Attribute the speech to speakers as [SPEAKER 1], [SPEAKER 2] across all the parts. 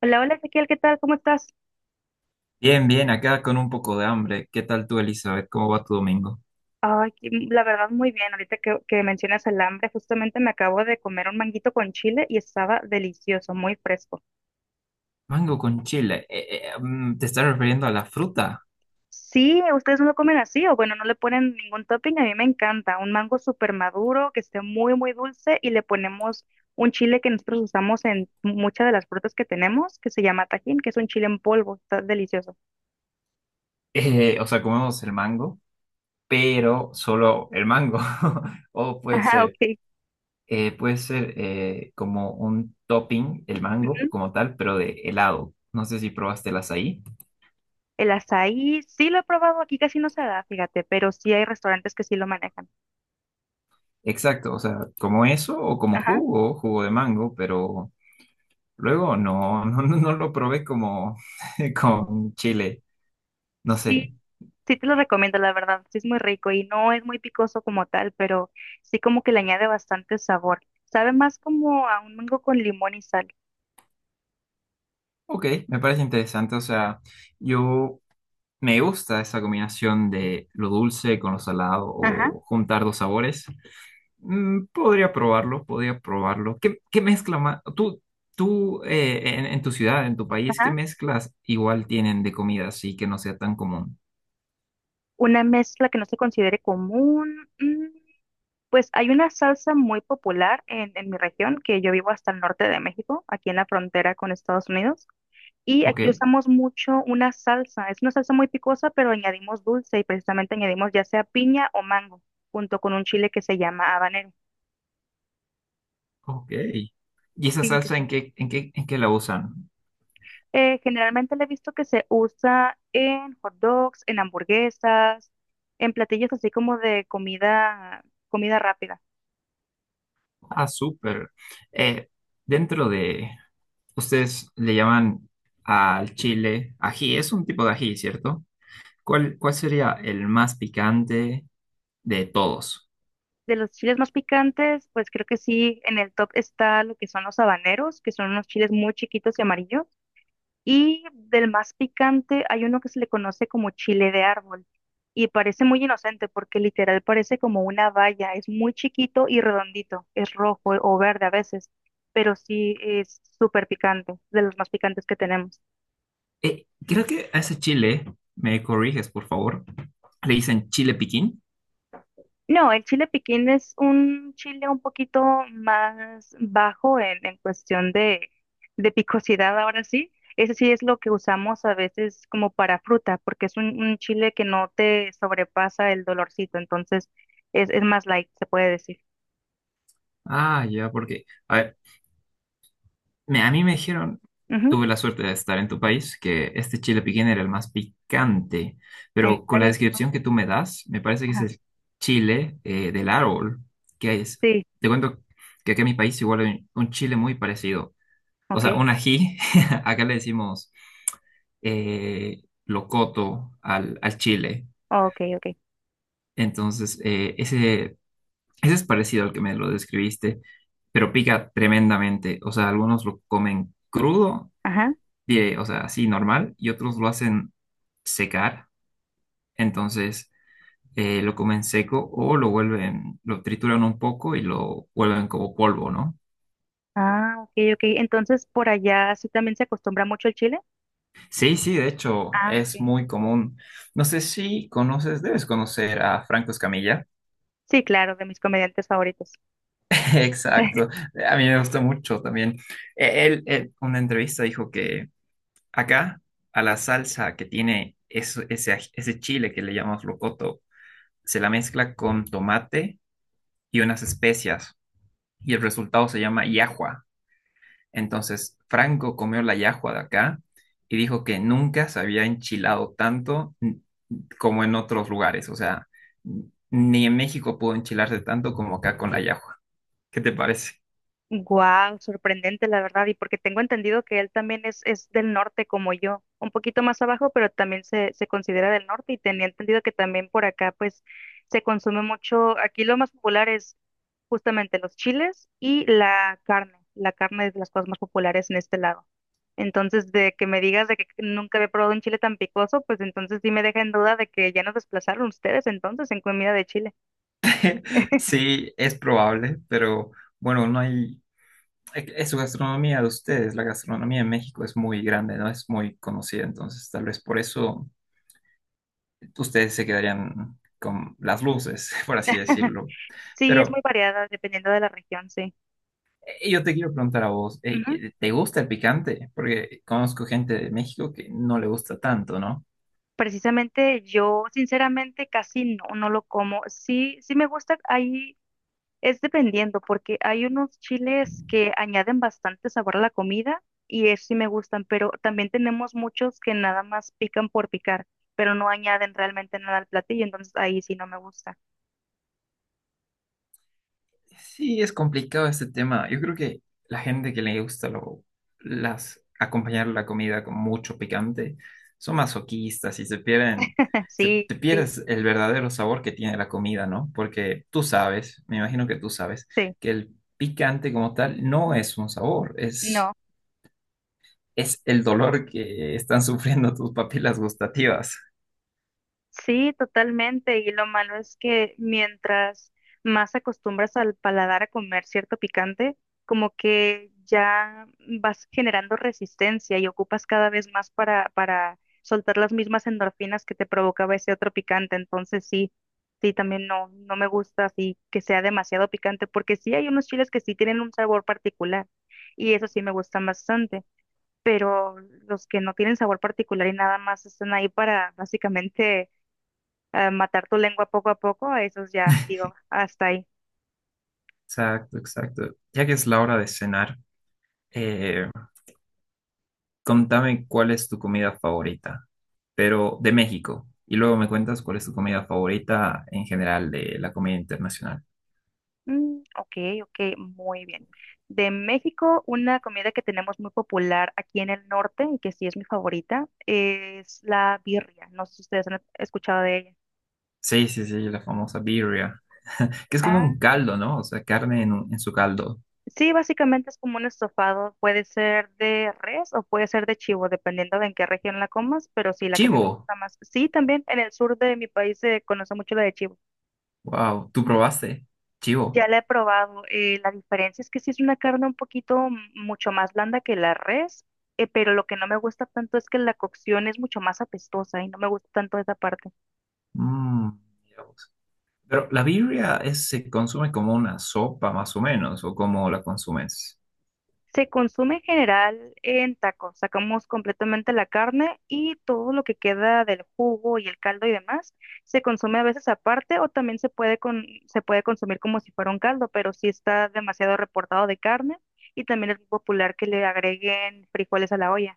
[SPEAKER 1] Hola, hola Ezequiel, ¿qué tal? ¿Cómo estás?
[SPEAKER 2] Bien, bien, acá con un poco de hambre. ¿Qué tal tú, Elizabeth? ¿Cómo va tu domingo?
[SPEAKER 1] Ay, la verdad muy bien. Ahorita que mencionas el hambre, justamente me acabo de comer un manguito con chile y estaba delicioso, muy fresco.
[SPEAKER 2] Mango con chile. ¿Te estás refiriendo a la fruta?
[SPEAKER 1] Sí, ustedes no lo comen así, o bueno, no le ponen ningún topping, a mí me encanta. Un mango súper maduro, que esté muy, muy dulce y le ponemos un chile que nosotros usamos en muchas de las frutas que tenemos, que se llama Tajín, que es un chile en polvo, está delicioso.
[SPEAKER 2] O sea, comemos el mango, pero solo el mango. O
[SPEAKER 1] Ah, ok.
[SPEAKER 2] puede ser como un topping, el mango
[SPEAKER 1] Ujú.
[SPEAKER 2] como tal, pero de helado. No sé si probaste el azaí.
[SPEAKER 1] El azaí, sí lo he probado, aquí casi no se da, fíjate, pero sí hay restaurantes que sí lo manejan.
[SPEAKER 2] Exacto, o sea, como eso o como jugo, jugo de mango, pero luego no, no, no lo probé como con chile. No sé.
[SPEAKER 1] Sí, sí te lo recomiendo, la verdad. Sí es muy rico y no es muy picoso como tal, pero sí como que le añade bastante sabor. Sabe más como a un mango con limón y sal.
[SPEAKER 2] Ok, me parece interesante. O sea, yo me gusta esa combinación de lo dulce con lo salado
[SPEAKER 1] Ajá,
[SPEAKER 2] o juntar dos sabores. Podría probarlo, podría probarlo. ¿Qué mezcla más? Tú en tu ciudad, en tu país, ¿qué
[SPEAKER 1] ajá.
[SPEAKER 2] mezclas igual tienen de comida así que no sea tan común?
[SPEAKER 1] Una mezcla que no se considere común. Pues hay una salsa muy popular en mi región, que yo vivo hasta el norte de México, aquí en la frontera con Estados Unidos. Y
[SPEAKER 2] Ok,
[SPEAKER 1] aquí usamos mucho una salsa. Es una salsa muy picosa, pero añadimos dulce y precisamente añadimos ya sea piña o mango, junto con un chile que se llama habanero.
[SPEAKER 2] ok. ¿Y esa
[SPEAKER 1] Sí, sí,
[SPEAKER 2] salsa
[SPEAKER 1] sí.
[SPEAKER 2] en qué la usan?
[SPEAKER 1] Generalmente le he visto que se usa en hot dogs, en hamburguesas, en platillos así como de comida, comida rápida.
[SPEAKER 2] Ah, súper. Eh, dentro de, Ustedes le llaman al chile ají, es un tipo de ají, ¿cierto? ¿Cuál sería el más picante de todos?
[SPEAKER 1] De los chiles más picantes, pues creo que sí, en el top está lo que son los habaneros, que son unos chiles muy chiquitos y amarillos. Y del más picante hay uno que se le conoce como chile de árbol. Y parece muy inocente porque literal parece como una valla. Es muy chiquito y redondito. Es rojo o verde a veces. Pero sí es súper picante, de los más picantes que tenemos.
[SPEAKER 2] Creo que a ese chile, me corriges, por favor, le dicen chile piquín.
[SPEAKER 1] No, el chile piquín es un chile un poquito más bajo en cuestión de picosidad, ahora sí. Ese sí es lo que usamos a veces como para fruta, porque es un chile que no te sobrepasa el dolorcito, entonces es más light, se puede decir.
[SPEAKER 2] Ah, ya, porque, a ver, a mí me dijeron,
[SPEAKER 1] Ujú,
[SPEAKER 2] tuve la suerte de estar en tu país, que este chile piquín era el más picante,
[SPEAKER 1] ¿en
[SPEAKER 2] pero con la
[SPEAKER 1] serio?
[SPEAKER 2] descripción que tú me das, me parece que es
[SPEAKER 1] Ajá.
[SPEAKER 2] el chile del árbol. ¿Qué es?
[SPEAKER 1] Sí,
[SPEAKER 2] Te cuento que aquí en mi país igual hay un chile muy parecido. O
[SPEAKER 1] ok,
[SPEAKER 2] sea, un ají, acá le decimos locoto al chile.
[SPEAKER 1] ok, ok.
[SPEAKER 2] Entonces, ese ese es parecido al que me lo describiste, pero pica tremendamente. O sea, algunos lo comen crudo
[SPEAKER 1] Ajá.
[SPEAKER 2] o sea, así normal, y otros lo hacen secar. Entonces, lo comen seco o lo vuelven, lo trituran un poco y lo vuelven como polvo, ¿no?
[SPEAKER 1] Ah, ok, ok. Entonces, por allá sí también se acostumbra mucho el chile.
[SPEAKER 2] Sí, sí, de hecho,
[SPEAKER 1] Ah,
[SPEAKER 2] es
[SPEAKER 1] ok.
[SPEAKER 2] muy común. No sé si conoces, debes conocer a Franco Escamilla.
[SPEAKER 1] Sí, claro, de mis comediantes favoritos.
[SPEAKER 2] Exacto. A mí me gusta mucho también. Él, una entrevista dijo que acá, a la salsa que tiene ese chile que le llamamos locoto, se la mezcla con tomate y unas especias, y el resultado se llama yahua. Entonces, Franco comió la yahua de acá y dijo que nunca se había enchilado tanto como en otros lugares. O sea, ni en México pudo enchilarse tanto como acá con la yahua. ¿Qué te parece?
[SPEAKER 1] Guau, sorprendente la verdad, y porque tengo entendido que él también es del norte como yo, un poquito más abajo, pero también se considera del norte y tenía entendido que también por acá pues se consume mucho, aquí lo más popular es justamente los chiles y la carne es de las cosas más populares en este lado. Entonces, de que me digas de que nunca había probado un chile tan picoso, pues entonces sí me deja en duda de que ya nos desplazaron ustedes entonces en comida de Chile.
[SPEAKER 2] Sí, es probable, pero bueno, no hay... Es su gastronomía de ustedes, la gastronomía en México es muy grande, no es muy conocida, entonces tal vez por eso ustedes se quedarían con las luces, por así decirlo.
[SPEAKER 1] Sí, es muy
[SPEAKER 2] Pero
[SPEAKER 1] variada dependiendo de la región, sí.
[SPEAKER 2] Yo te quiero preguntar a vos, ¿te gusta el picante? Porque conozco gente de México que no le gusta tanto, ¿no?
[SPEAKER 1] Precisamente yo sinceramente casi no, no lo como. Sí, sí me gusta, ahí es dependiendo, porque hay unos chiles que añaden bastante sabor a la comida y eso sí me gustan, pero también tenemos muchos que nada más pican por picar, pero no añaden realmente nada al platillo, entonces ahí sí no me gusta.
[SPEAKER 2] Sí, es complicado este tema. Yo creo que la gente que le gusta acompañar la comida con mucho picante son masoquistas y se pierden,
[SPEAKER 1] Sí,
[SPEAKER 2] te
[SPEAKER 1] sí,
[SPEAKER 2] pierdes el verdadero sabor que tiene la comida, ¿no? Porque tú sabes, me imagino que tú sabes,
[SPEAKER 1] sí, sí.
[SPEAKER 2] que el picante como tal no es un sabor,
[SPEAKER 1] No.
[SPEAKER 2] es el dolor que están sufriendo tus papilas gustativas.
[SPEAKER 1] Sí, totalmente. Y lo malo es que mientras más acostumbras al paladar a comer cierto picante, como que ya vas generando resistencia y ocupas cada vez más para soltar las mismas endorfinas que te provocaba ese otro picante. Entonces sí, sí, también no, no me gusta así que sea demasiado picante, porque sí hay unos chiles que sí tienen un sabor particular y eso sí me gustan bastante, pero los que no tienen sabor particular y nada más están ahí para básicamente matar tu lengua poco a poco, eso es ya, digo, hasta ahí.
[SPEAKER 2] Exacto, exacto. Ya que es la hora de cenar, eh, contame cuál es tu comida favorita, pero de México. Y luego me cuentas cuál es tu comida favorita en general de la comida internacional.
[SPEAKER 1] Mm, ok, ok, muy bien. De México, una comida que tenemos muy popular aquí en el norte y que sí es mi favorita es la birria. No sé si ustedes han escuchado de ella.
[SPEAKER 2] Sí, sí, sí, la famosa birria, que es como
[SPEAKER 1] Ah,
[SPEAKER 2] un
[SPEAKER 1] sí.
[SPEAKER 2] caldo, ¿no? O sea, carne en su caldo.
[SPEAKER 1] Sí, básicamente es como un estofado, puede ser de res o puede ser de chivo, dependiendo de en qué región la comas, pero sí, la que a mí me
[SPEAKER 2] Chivo,
[SPEAKER 1] gusta más. Sí, también en el sur de mi país se conoce mucho la de chivo.
[SPEAKER 2] wow, ¿tú probaste? Chivo.
[SPEAKER 1] Ya la he probado. La diferencia es que sí es una carne un poquito mucho más blanda que la res, pero lo que no me gusta tanto es que la cocción es mucho más apestosa y no me gusta tanto esa parte.
[SPEAKER 2] Mm, Mira vos. Pero la birria se consume como una sopa, más o menos, o como la consumes.
[SPEAKER 1] Se consume en general en tacos. Sacamos completamente la carne y todo lo que queda del jugo y el caldo y demás se consume a veces aparte o también se puede se puede consumir como si fuera un caldo, pero sí está demasiado reportado de carne y también es muy popular que le agreguen frijoles a la olla.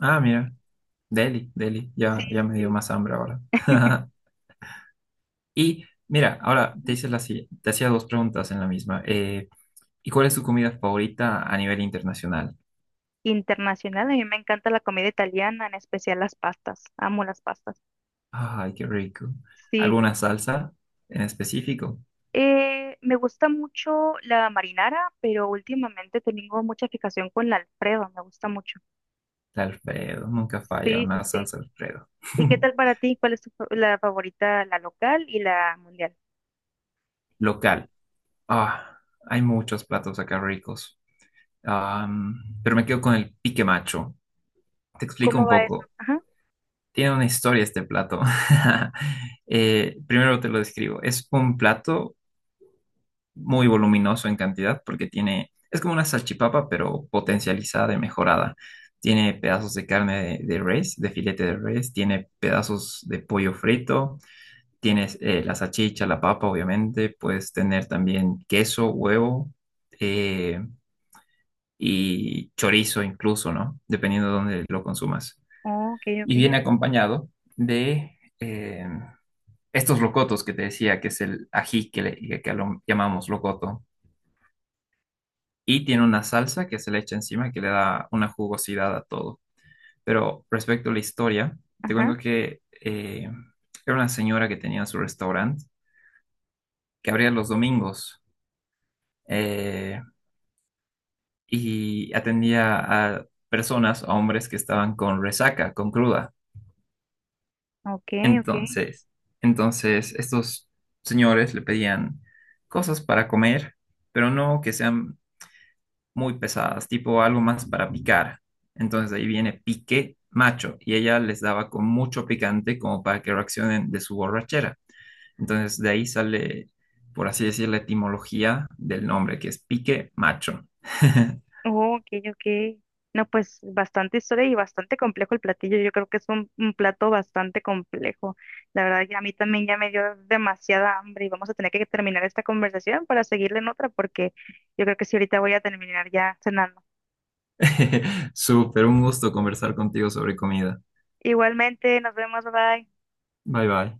[SPEAKER 2] Ah, mira. Deli, Deli,
[SPEAKER 1] Sí,
[SPEAKER 2] ya, ya me dio
[SPEAKER 1] sí,
[SPEAKER 2] más hambre ahora. Y mira, ahora te
[SPEAKER 1] sí.
[SPEAKER 2] hice la, si- te hacía dos preguntas en la misma. ¿Y cuál es tu comida favorita a nivel internacional?
[SPEAKER 1] Internacional. A mí me encanta la comida italiana, en especial las pastas. Amo las pastas.
[SPEAKER 2] Ay, qué rico.
[SPEAKER 1] Sí, sí,
[SPEAKER 2] ¿Alguna
[SPEAKER 1] sí.
[SPEAKER 2] salsa en específico?
[SPEAKER 1] Me gusta mucho la marinara, pero últimamente tengo mucha fijación con la Alfredo. Me gusta mucho.
[SPEAKER 2] La Alfredo, nunca falla
[SPEAKER 1] Sí, sí,
[SPEAKER 2] una
[SPEAKER 1] sí.
[SPEAKER 2] salsa Alfredo.
[SPEAKER 1] ¿Y qué tal para ti? ¿Cuál es tu, la favorita, la local y la mundial?
[SPEAKER 2] Local. Ah, hay muchos platos acá ricos. Am, pero me quedo con el pique macho. Te explico
[SPEAKER 1] ¿Cómo
[SPEAKER 2] un
[SPEAKER 1] va eso?
[SPEAKER 2] poco.
[SPEAKER 1] Ajá.
[SPEAKER 2] Tiene una historia este plato. Primero te lo describo. Es un plato muy voluminoso en cantidad porque tiene, es como una salchipapa, pero potencializada y mejorada. Tiene pedazos de carne de res, de filete de res, tiene pedazos de pollo frito, tienes la salchicha, la papa, obviamente, puedes tener también queso, huevo eh, y chorizo incluso, ¿no? Dependiendo de dónde lo consumas.
[SPEAKER 1] Oh, ok,
[SPEAKER 2] Y
[SPEAKER 1] ok.
[SPEAKER 2] viene acompañado de... em, estos locotos que te decía, que es el ají que lo llamamos locoto, y tiene una salsa que se le echa encima que le da una jugosidad a todo. Pero respecto a la historia, te
[SPEAKER 1] Ajá.
[SPEAKER 2] cuento que era una señora que tenía su restaurante, que abría los domingos eh, y atendía a personas, a hombres que estaban con resaca, con cruda.
[SPEAKER 1] Ok, ok.
[SPEAKER 2] Entonces, entonces, estos señores le pedían cosas para comer pero no que sean muy pesadas, tipo algo más para picar. Entonces ahí viene pique macho y ella les daba con mucho picante como para que reaccionen de su borrachera. Entonces de ahí sale, por así decir, la etimología del nombre, que es pique macho.
[SPEAKER 1] Oh, ok, ok. No, pues bastante historia y bastante complejo el platillo. Yo creo que es un plato bastante complejo. La verdad que a mí también ya me dio demasiada hambre y vamos a tener que terminar esta conversación para seguirla en otra porque yo creo que sí ahorita voy a terminar ya cenando.
[SPEAKER 2] Súper, un gusto conversar contigo sobre comida.
[SPEAKER 1] Igualmente, nos vemos, bye.
[SPEAKER 2] Bye bye.